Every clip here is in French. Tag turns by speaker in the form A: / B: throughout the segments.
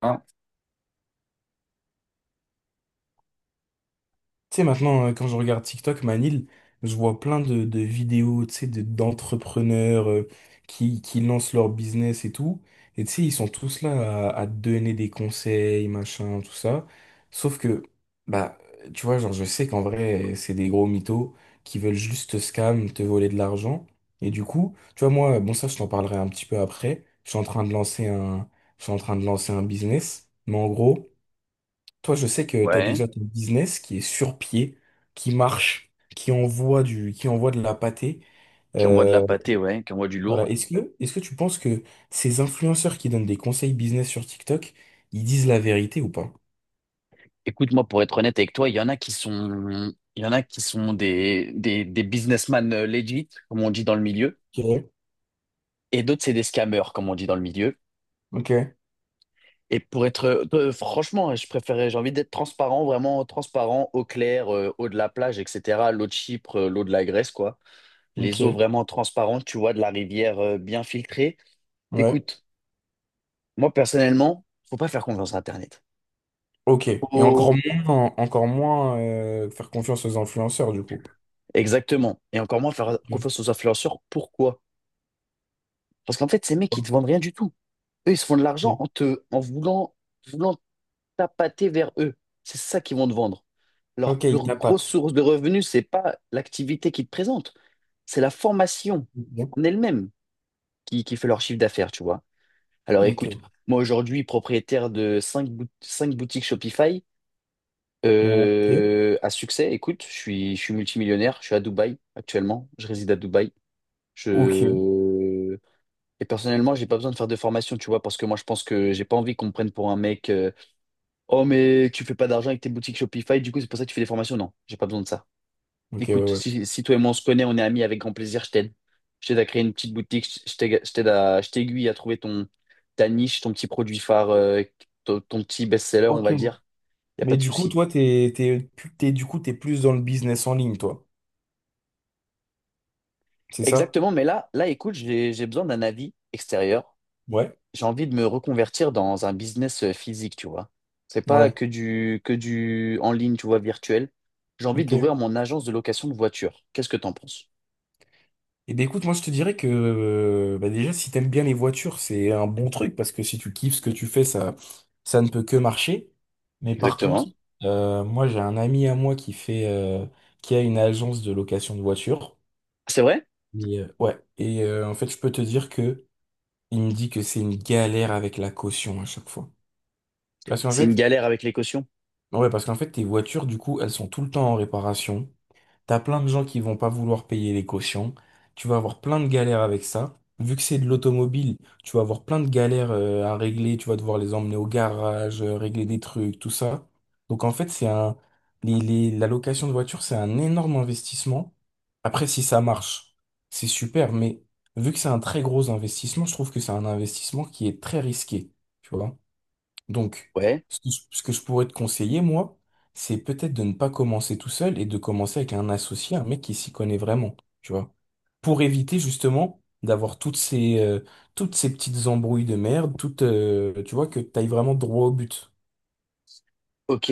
A: Hein,
B: Tu sais, maintenant, quand je regarde TikTok, Manil, je vois plein de vidéos, tu sais, d'entrepreneurs qui lancent leur business et tout. Et tu sais, ils sont tous là à te donner des conseils, machin, tout ça. Sauf que, bah, tu vois, genre, je sais qu'en vrai, c'est des gros mythos qui veulent juste te scam, te voler de l'argent. Et du coup, tu vois, moi, bon, ça, je t'en parlerai un petit peu après. Je suis en train de lancer un business. Mais en gros, toi, je sais que tu as
A: ouais,
B: déjà ton business qui est sur pied, qui marche, qui envoie de la pâtée.
A: qui envoie de la
B: Euh,
A: pâtée, ouais, qui envoie du
B: voilà.
A: lourd.
B: Est-ce que tu penses que ces influenceurs qui donnent des conseils business sur TikTok, ils disent la vérité ou pas?
A: Écoute-moi, pour être honnête avec toi, il y en a qui sont, il y en a qui sont des businessmen legit, comme on dit dans le milieu,
B: Ok,
A: et d'autres, c'est des scammers, comme on dit dans le milieu.
B: ok,
A: Et pour être, franchement, je préférais, j'ai envie d'être transparent, vraiment transparent, eau claire, eau de la plage, etc., l'eau de Chypre, l'eau de la Grèce, quoi. Les eaux
B: ok,
A: vraiment transparentes, tu vois, de la rivière, bien filtrée.
B: ouais,
A: Écoute, moi, personnellement, faut pas faire confiance à Internet.
B: ok. Et encore moins faire confiance aux influenceurs du coup.
A: Exactement. Et encore moins faire confiance aux influenceurs. Pourquoi? Parce qu'en fait, ces mecs, ils te vendent rien du tout. Eux, ils se font de l'argent
B: Ok,
A: en te, en voulant, voulant t'appâter vers eux. C'est ça qu'ils vont te vendre. Leur,
B: ok, ils
A: leur grosse
B: tapatent.
A: source de revenus, c'est pas l'activité qu'ils te présentent, c'est la formation
B: Ok,
A: en elle-même qui fait leur chiffre d'affaires, tu vois. Alors écoute,
B: ok,
A: moi aujourd'hui, propriétaire de 5 boutiques Shopify à succès, écoute, je suis multimillionnaire, je suis à Dubaï actuellement, je réside à Dubaï.
B: ok,
A: Je... Et personnellement, j'ai pas besoin de faire de formation, tu vois, parce que moi, je pense que j'ai pas envie qu'on me prenne pour un mec. Oh, mais tu fais pas d'argent avec tes boutiques Shopify, du coup, c'est pour ça que tu fais des formations. Non, j'ai pas besoin de ça.
B: ok, ouais,
A: Écoute,
B: ouais.
A: si toi et moi on se connaît, on est amis avec grand plaisir, je t'aide. Je t'aide à créer une petite boutique, je t'aiguille à trouver ta niche, ton petit produit phare, ton petit best-seller, on
B: Ok.
A: va dire. Y a pas
B: Mais
A: de
B: du coup,
A: souci.
B: toi, t'es, t'es, pu- t'es- du coup, t'es plus dans le business en ligne, toi. C'est ça?
A: Exactement, mais là, écoute, j'ai besoin d'un avis extérieur.
B: Ouais.
A: J'ai envie de me reconvertir dans un business physique, tu vois. C'est pas
B: Ouais.
A: que du en ligne, tu vois, virtuel. J'ai envie
B: Ok.
A: d'ouvrir mon agence de location de voitures. Qu'est-ce que t'en penses?
B: Et ben écoute, moi, je te dirais que bah, déjà, si t'aimes bien les voitures, c'est un bon truc parce que si tu kiffes ce que tu fais, ça ne peut que marcher. Mais par contre,
A: Exactement.
B: moi, j'ai un ami à moi qui fait, qui a une agence de location de voitures.
A: C'est vrai?
B: Et, ouais. Et en fait, je peux te dire que il me dit que c'est une galère avec la caution à chaque fois. Parce qu'en
A: C'est une
B: fait,
A: galère avec les cautions.
B: ouais, parce qu'en fait, tes voitures, du coup, elles sont tout le temps en réparation. T'as plein de gens qui vont pas vouloir payer les cautions. Tu vas avoir plein de galères avec ça. Vu que c'est de l'automobile, tu vas avoir plein de galères à régler. Tu vas devoir les emmener au garage, régler des trucs, tout ça. Donc en fait, c'est un... la location de voiture, c'est un énorme investissement. Après, si ça marche, c'est super. Mais vu que c'est un très gros investissement, je trouve que c'est un investissement qui est très risqué. Tu vois? Donc,
A: Ouais,
B: ce que je pourrais te conseiller, moi, c'est peut-être de ne pas commencer tout seul et de commencer avec un associé, un mec qui s'y connaît vraiment, tu vois. Pour éviter justement d'avoir toutes ces petites embrouilles de merde, tu vois, que tu ailles vraiment droit au but,
A: ok,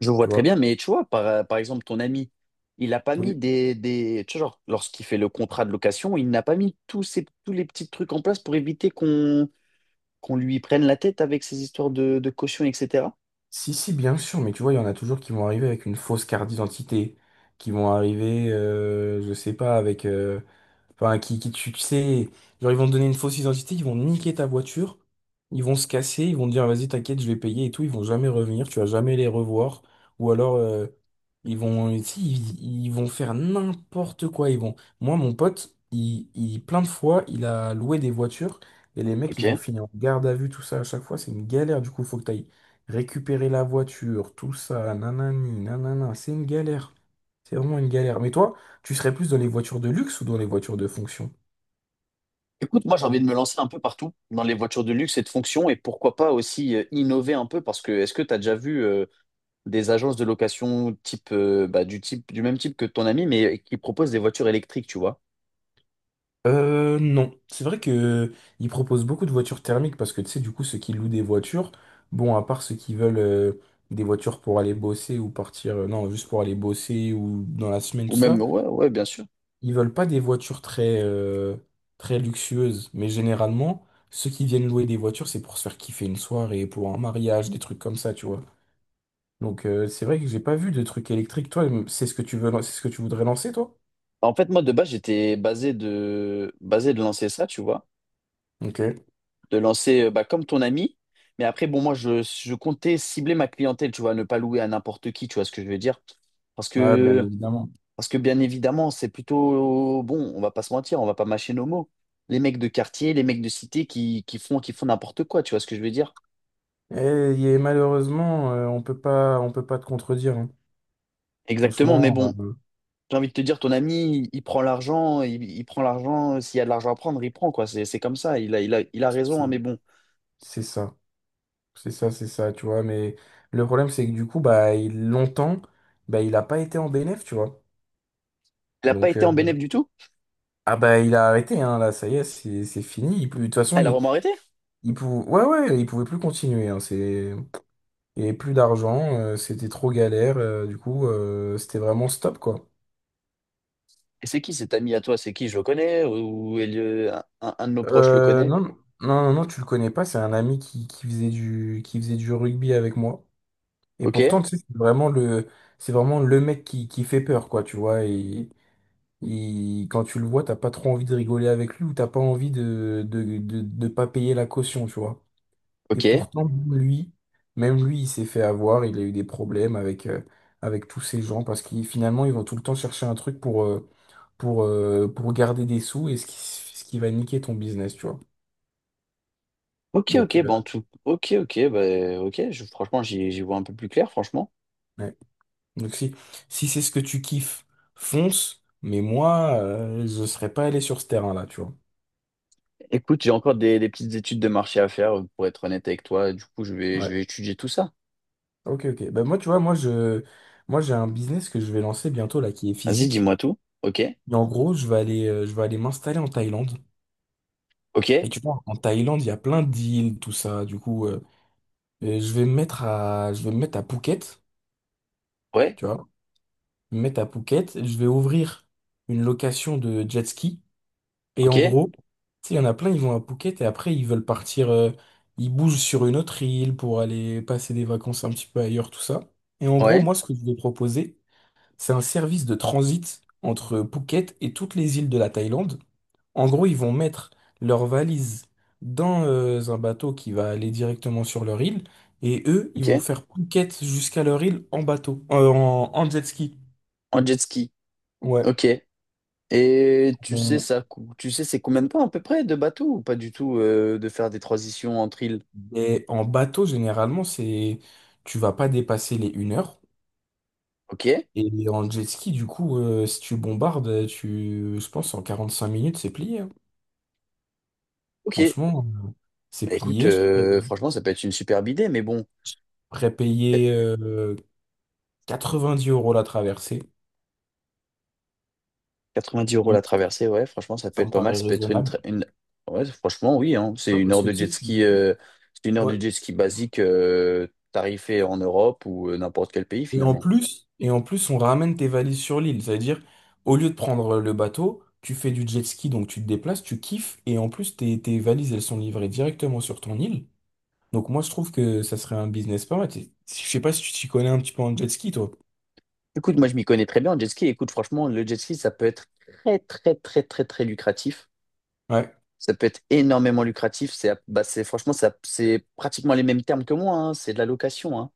A: je vois
B: tu
A: très
B: vois.
A: bien, mais tu vois, par exemple, ton ami, il n'a pas mis
B: Oui.
A: tu vois, genre, lorsqu'il fait le contrat de location, il n'a pas mis tous les petits trucs en place pour éviter qu'on lui prenne la tête avec ces histoires de caution, etc.
B: Si, si, bien sûr, mais tu vois, il y en a toujours qui vont arriver avec une fausse carte d'identité, qui vont arriver, je sais pas, avec... enfin, tu sais, genre ils vont te donner une fausse identité, ils vont niquer ta voiture, ils vont se casser, ils vont te dire vas-y t'inquiète, je vais payer et tout, ils vont jamais revenir, tu vas jamais les revoir. Ou alors ils vont si, ils vont faire n'importe quoi, ils vont. Moi mon pote, il plein de fois, il a loué des voitures et les mecs
A: Ok.
B: ils ont fini en garde à vue, tout ça à chaque fois, c'est une galère du coup, faut que t'ailles récupérer la voiture, tout ça, nanani, nanana, c'est une galère. C'est vraiment une galère. Mais toi, tu serais plus dans les voitures de luxe ou dans les voitures de fonction?
A: Écoute, moi j'ai envie de me lancer un peu partout dans les voitures de luxe et de fonction et pourquoi pas aussi innover un peu parce que est-ce que tu as déjà vu des agences de location type, bah, du même type que ton ami mais qui proposent des voitures électriques, tu vois?
B: Non. C'est vrai que ils proposent beaucoup de voitures thermiques parce que tu sais, du coup, ceux qui louent des voitures, bon, à part ceux qui veulent des voitures pour aller bosser ou partir, non, juste pour aller bosser ou dans la semaine,
A: Ou
B: tout
A: même
B: ça,
A: ouais, ouais, bien sûr.
B: ils veulent pas des voitures très luxueuses. Mais généralement, ceux qui viennent louer des voitures, c'est pour se faire kiffer une soirée, pour un mariage, des trucs comme ça, tu vois. Donc, c'est vrai que j'ai pas vu de trucs électriques. Toi, c'est ce que tu voudrais lancer, toi?
A: En fait moi de base j'étais basé de lancer ça, tu vois,
B: Ok,
A: de lancer bah, comme ton ami mais après bon moi je comptais cibler ma clientèle, tu vois, ne pas louer à n'importe qui, tu vois ce que je veux dire? Parce
B: ouais, bien
A: que
B: évidemment.
A: Parce que bien évidemment, c'est plutôt bon, on va pas se mentir, on va pas mâcher nos mots. Les mecs de quartier, les mecs de cité qui font n'importe quoi, tu vois ce que je veux dire?
B: Et, il malheureusement, on peut pas te contredire, hein.
A: Exactement, mais
B: Franchement,
A: bon, j'ai envie de te dire, ton ami, il prend l'argent, il prend l'argent, s'il y a de l'argent à prendre, il prend, quoi. C'est comme ça, il a raison,
B: c'est
A: hein, mais bon.
B: c'est ça, c'est ça, tu vois. Mais le problème, c'est que du coup, bah, il, longtemps, bah, il a pas été en bénéf, tu vois.
A: Elle n'a pas
B: Donc,
A: été en bénéf du tout?
B: ah bah, il a arrêté, hein, là, ça y est, c'est fini. Il, peut- de toute façon,
A: Elle a vraiment arrêté?
B: il pouvait, ouais, ouais, il pouvait plus continuer. Hein, c'est, il y avait plus d'argent, c'était trop galère. Du coup, c'était vraiment stop, quoi.
A: Et c'est qui cet ami à toi? C'est qui? Je le connais? Ou un de nos proches le
B: Euh,
A: connaît?
B: non, non, tu le connais pas. C'est un ami qui faisait du rugby avec moi. Et
A: Ok,
B: pourtant, tu sais, c'est vraiment le mec qui fait peur, quoi, tu vois. Et quand tu le vois, t'as pas trop envie de rigoler avec lui ou t'as pas envie de, de pas payer la caution, tu vois. Et
A: ok.
B: pourtant, lui, même lui, il s'est fait avoir. Il a eu des problèmes avec, avec tous ces gens parce qu'ils, finalement, ils vont tout le temps chercher un truc pour garder des sous et ce qui va niquer ton business, tu vois.
A: Ok, ok,
B: Donc,
A: ben, tout. Ok, ok, bah, ok, franchement, j'y vois un peu plus clair, franchement.
B: ouais. Donc si, si c'est ce que tu kiffes, fonce. Mais moi, je serais pas allé sur ce terrain-là, tu vois.
A: Écoute, j'ai encore des petites études de marché à faire, pour être honnête avec toi. Du coup, je
B: Ouais.
A: vais étudier tout ça.
B: Ok, ok. Bah moi, tu vois, moi j'ai un business que je vais lancer bientôt là, qui est
A: Vas-y,
B: physique.
A: dis-moi tout. Ok,
B: Et en gros, je vais aller m'installer en Thaïlande.
A: ok,
B: Et tu vois, en Thaïlande, il y a plein d'îles, tout ça. Du coup, je vais me mettre à Phuket,
A: ouais,
B: tu vois. Me mettre à Phuket. Je vais ouvrir une location de jet ski. Et en
A: ok,
B: gros, tu sais, il y en a plein, ils vont à Phuket et après, ils veulent partir, ils bougent sur une autre île pour aller passer des vacances un petit peu ailleurs, tout ça. Et en gros,
A: ouais,
B: moi, ce que je vais proposer, c'est un service de transit entre Phuket et toutes les îles de la Thaïlande. En gros, ils vont mettre leurs valises dans, un bateau qui va aller directement sur leur île et eux, ils vont
A: ok.
B: faire Phuket jusqu'à leur île en bateau, en, en jet ski.
A: En jet ski,
B: Ouais.
A: ok. Et tu sais ça, tu sais c'est combien de temps à peu près de bateau ou pas du tout de faire des transitions entre îles?
B: Et en bateau, généralement, c'est tu vas pas dépasser les une heure.
A: Ok,
B: Et en jet ski, du coup, si tu bombardes, tu... je pense en 45 minutes, c'est plié, hein.
A: ok.
B: Franchement, c'est
A: Bah, écoute,
B: plié. Je paye-
A: franchement, ça peut être une superbe idée, mais bon.
B: Prépayé 90 € la traversée.
A: 90 € la
B: Moi,
A: traversée, ouais, franchement, ça peut
B: ça
A: être
B: me
A: pas mal.
B: paraît
A: Ça peut être
B: raisonnable.
A: une... Ouais, franchement, oui, hein. C'est
B: Ouais,
A: une
B: parce
A: heure
B: que tu
A: de jet
B: sais, tu...
A: ski, c'est une heure de
B: ouais,
A: jet ski basique, tarifée en Europe ou n'importe quel pays
B: et en
A: finalement.
B: plus, et en plus, on ramène tes valises sur l'île. C'est-à-dire, au lieu de prendre le bateau, tu fais du jet ski, donc tu te déplaces, tu kiffes, et en plus, tes valises, elles sont livrées directement sur ton île. Donc moi, je trouve que ça serait un business pas mal. T'es- Je sais pas si tu t'y connais un petit peu en jet ski, toi.
A: Écoute, moi, je m'y connais très bien en jet ski. Écoute, franchement, le jet ski, ça peut être très, très, très, très, très lucratif.
B: Ouais.
A: Ça peut être énormément lucratif. Franchement, ça, c'est pratiquement les mêmes termes que moi, hein. C'est de la location, hein.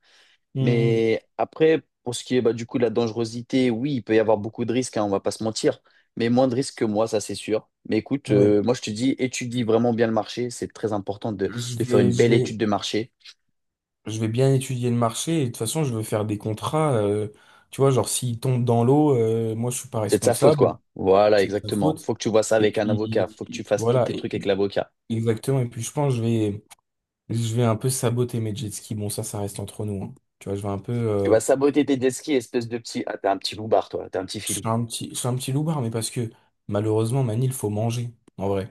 B: Hmm,
A: Mais après, pour ce qui est bah, du coup de la dangerosité, oui, il peut y avoir beaucoup de risques, hein, on va pas se mentir, mais moins de risques que moi, ça c'est sûr. Mais écoute,
B: ouais.
A: moi je te dis, étudie vraiment bien le marché, c'est très important
B: Je
A: de faire une
B: vais, je
A: belle
B: vais,
A: étude de marché.
B: je vais bien étudier le marché, et de toute façon, je veux faire des contrats. Tu vois, genre, s'ils tombent dans l'eau, moi, je suis pas
A: C'est de sa faute,
B: responsable,
A: quoi. Voilà,
B: c'est de sa
A: exactement.
B: faute.
A: Faut que tu vois ça
B: Et
A: avec un avocat, faut que tu
B: puis,
A: fasses tous
B: voilà.
A: tes
B: Et
A: trucs avec
B: puis,
A: l'avocat.
B: exactement, et puis je pense que je vais un peu saboter mes jet skis. Bon, ça reste entre nous, hein. Tu vois, je vais un peu.
A: Tu vas saboter tes jet skis, espèce de petit. Ah, t'es un petit loupard, toi, t'es un petit filou.
B: Je suis un petit loubard, mais parce que malheureusement, Manil, il faut manger, en vrai.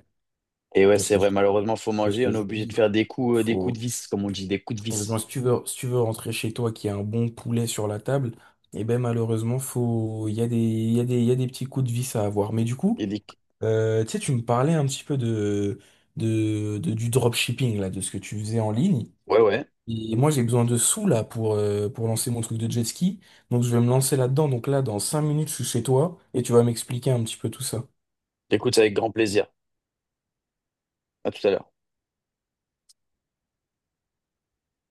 A: Et ouais,
B: Tu vois ce
A: c'est
B: que je,
A: vrai,
B: tu
A: malheureusement, faut
B: vois ce
A: manger,
B: que
A: on est
B: je veux
A: obligé de
B: dire?
A: faire des coups de
B: Faut...
A: vis, comme on dit, des coups de
B: Malheureusement,
A: vis.
B: si tu veux, si tu veux rentrer chez toi, qu'il y a un bon poulet sur la table, et ben malheureusement, faut... il y a des petits coups de vis à avoir. Mais du coup,
A: Et des...
B: tu sais, tu me parlais un petit peu du dropshipping, là, de ce que tu faisais en ligne.
A: Ouais, ouais,
B: Et moi, j'ai besoin de sous là pour lancer mon truc de jet ski. Donc, je vais me lancer là-dedans. Donc, là, dans 5 minutes, je suis chez toi et tu vas m'expliquer un petit peu tout ça.
A: écoute, avec grand plaisir. À tout à l'heure.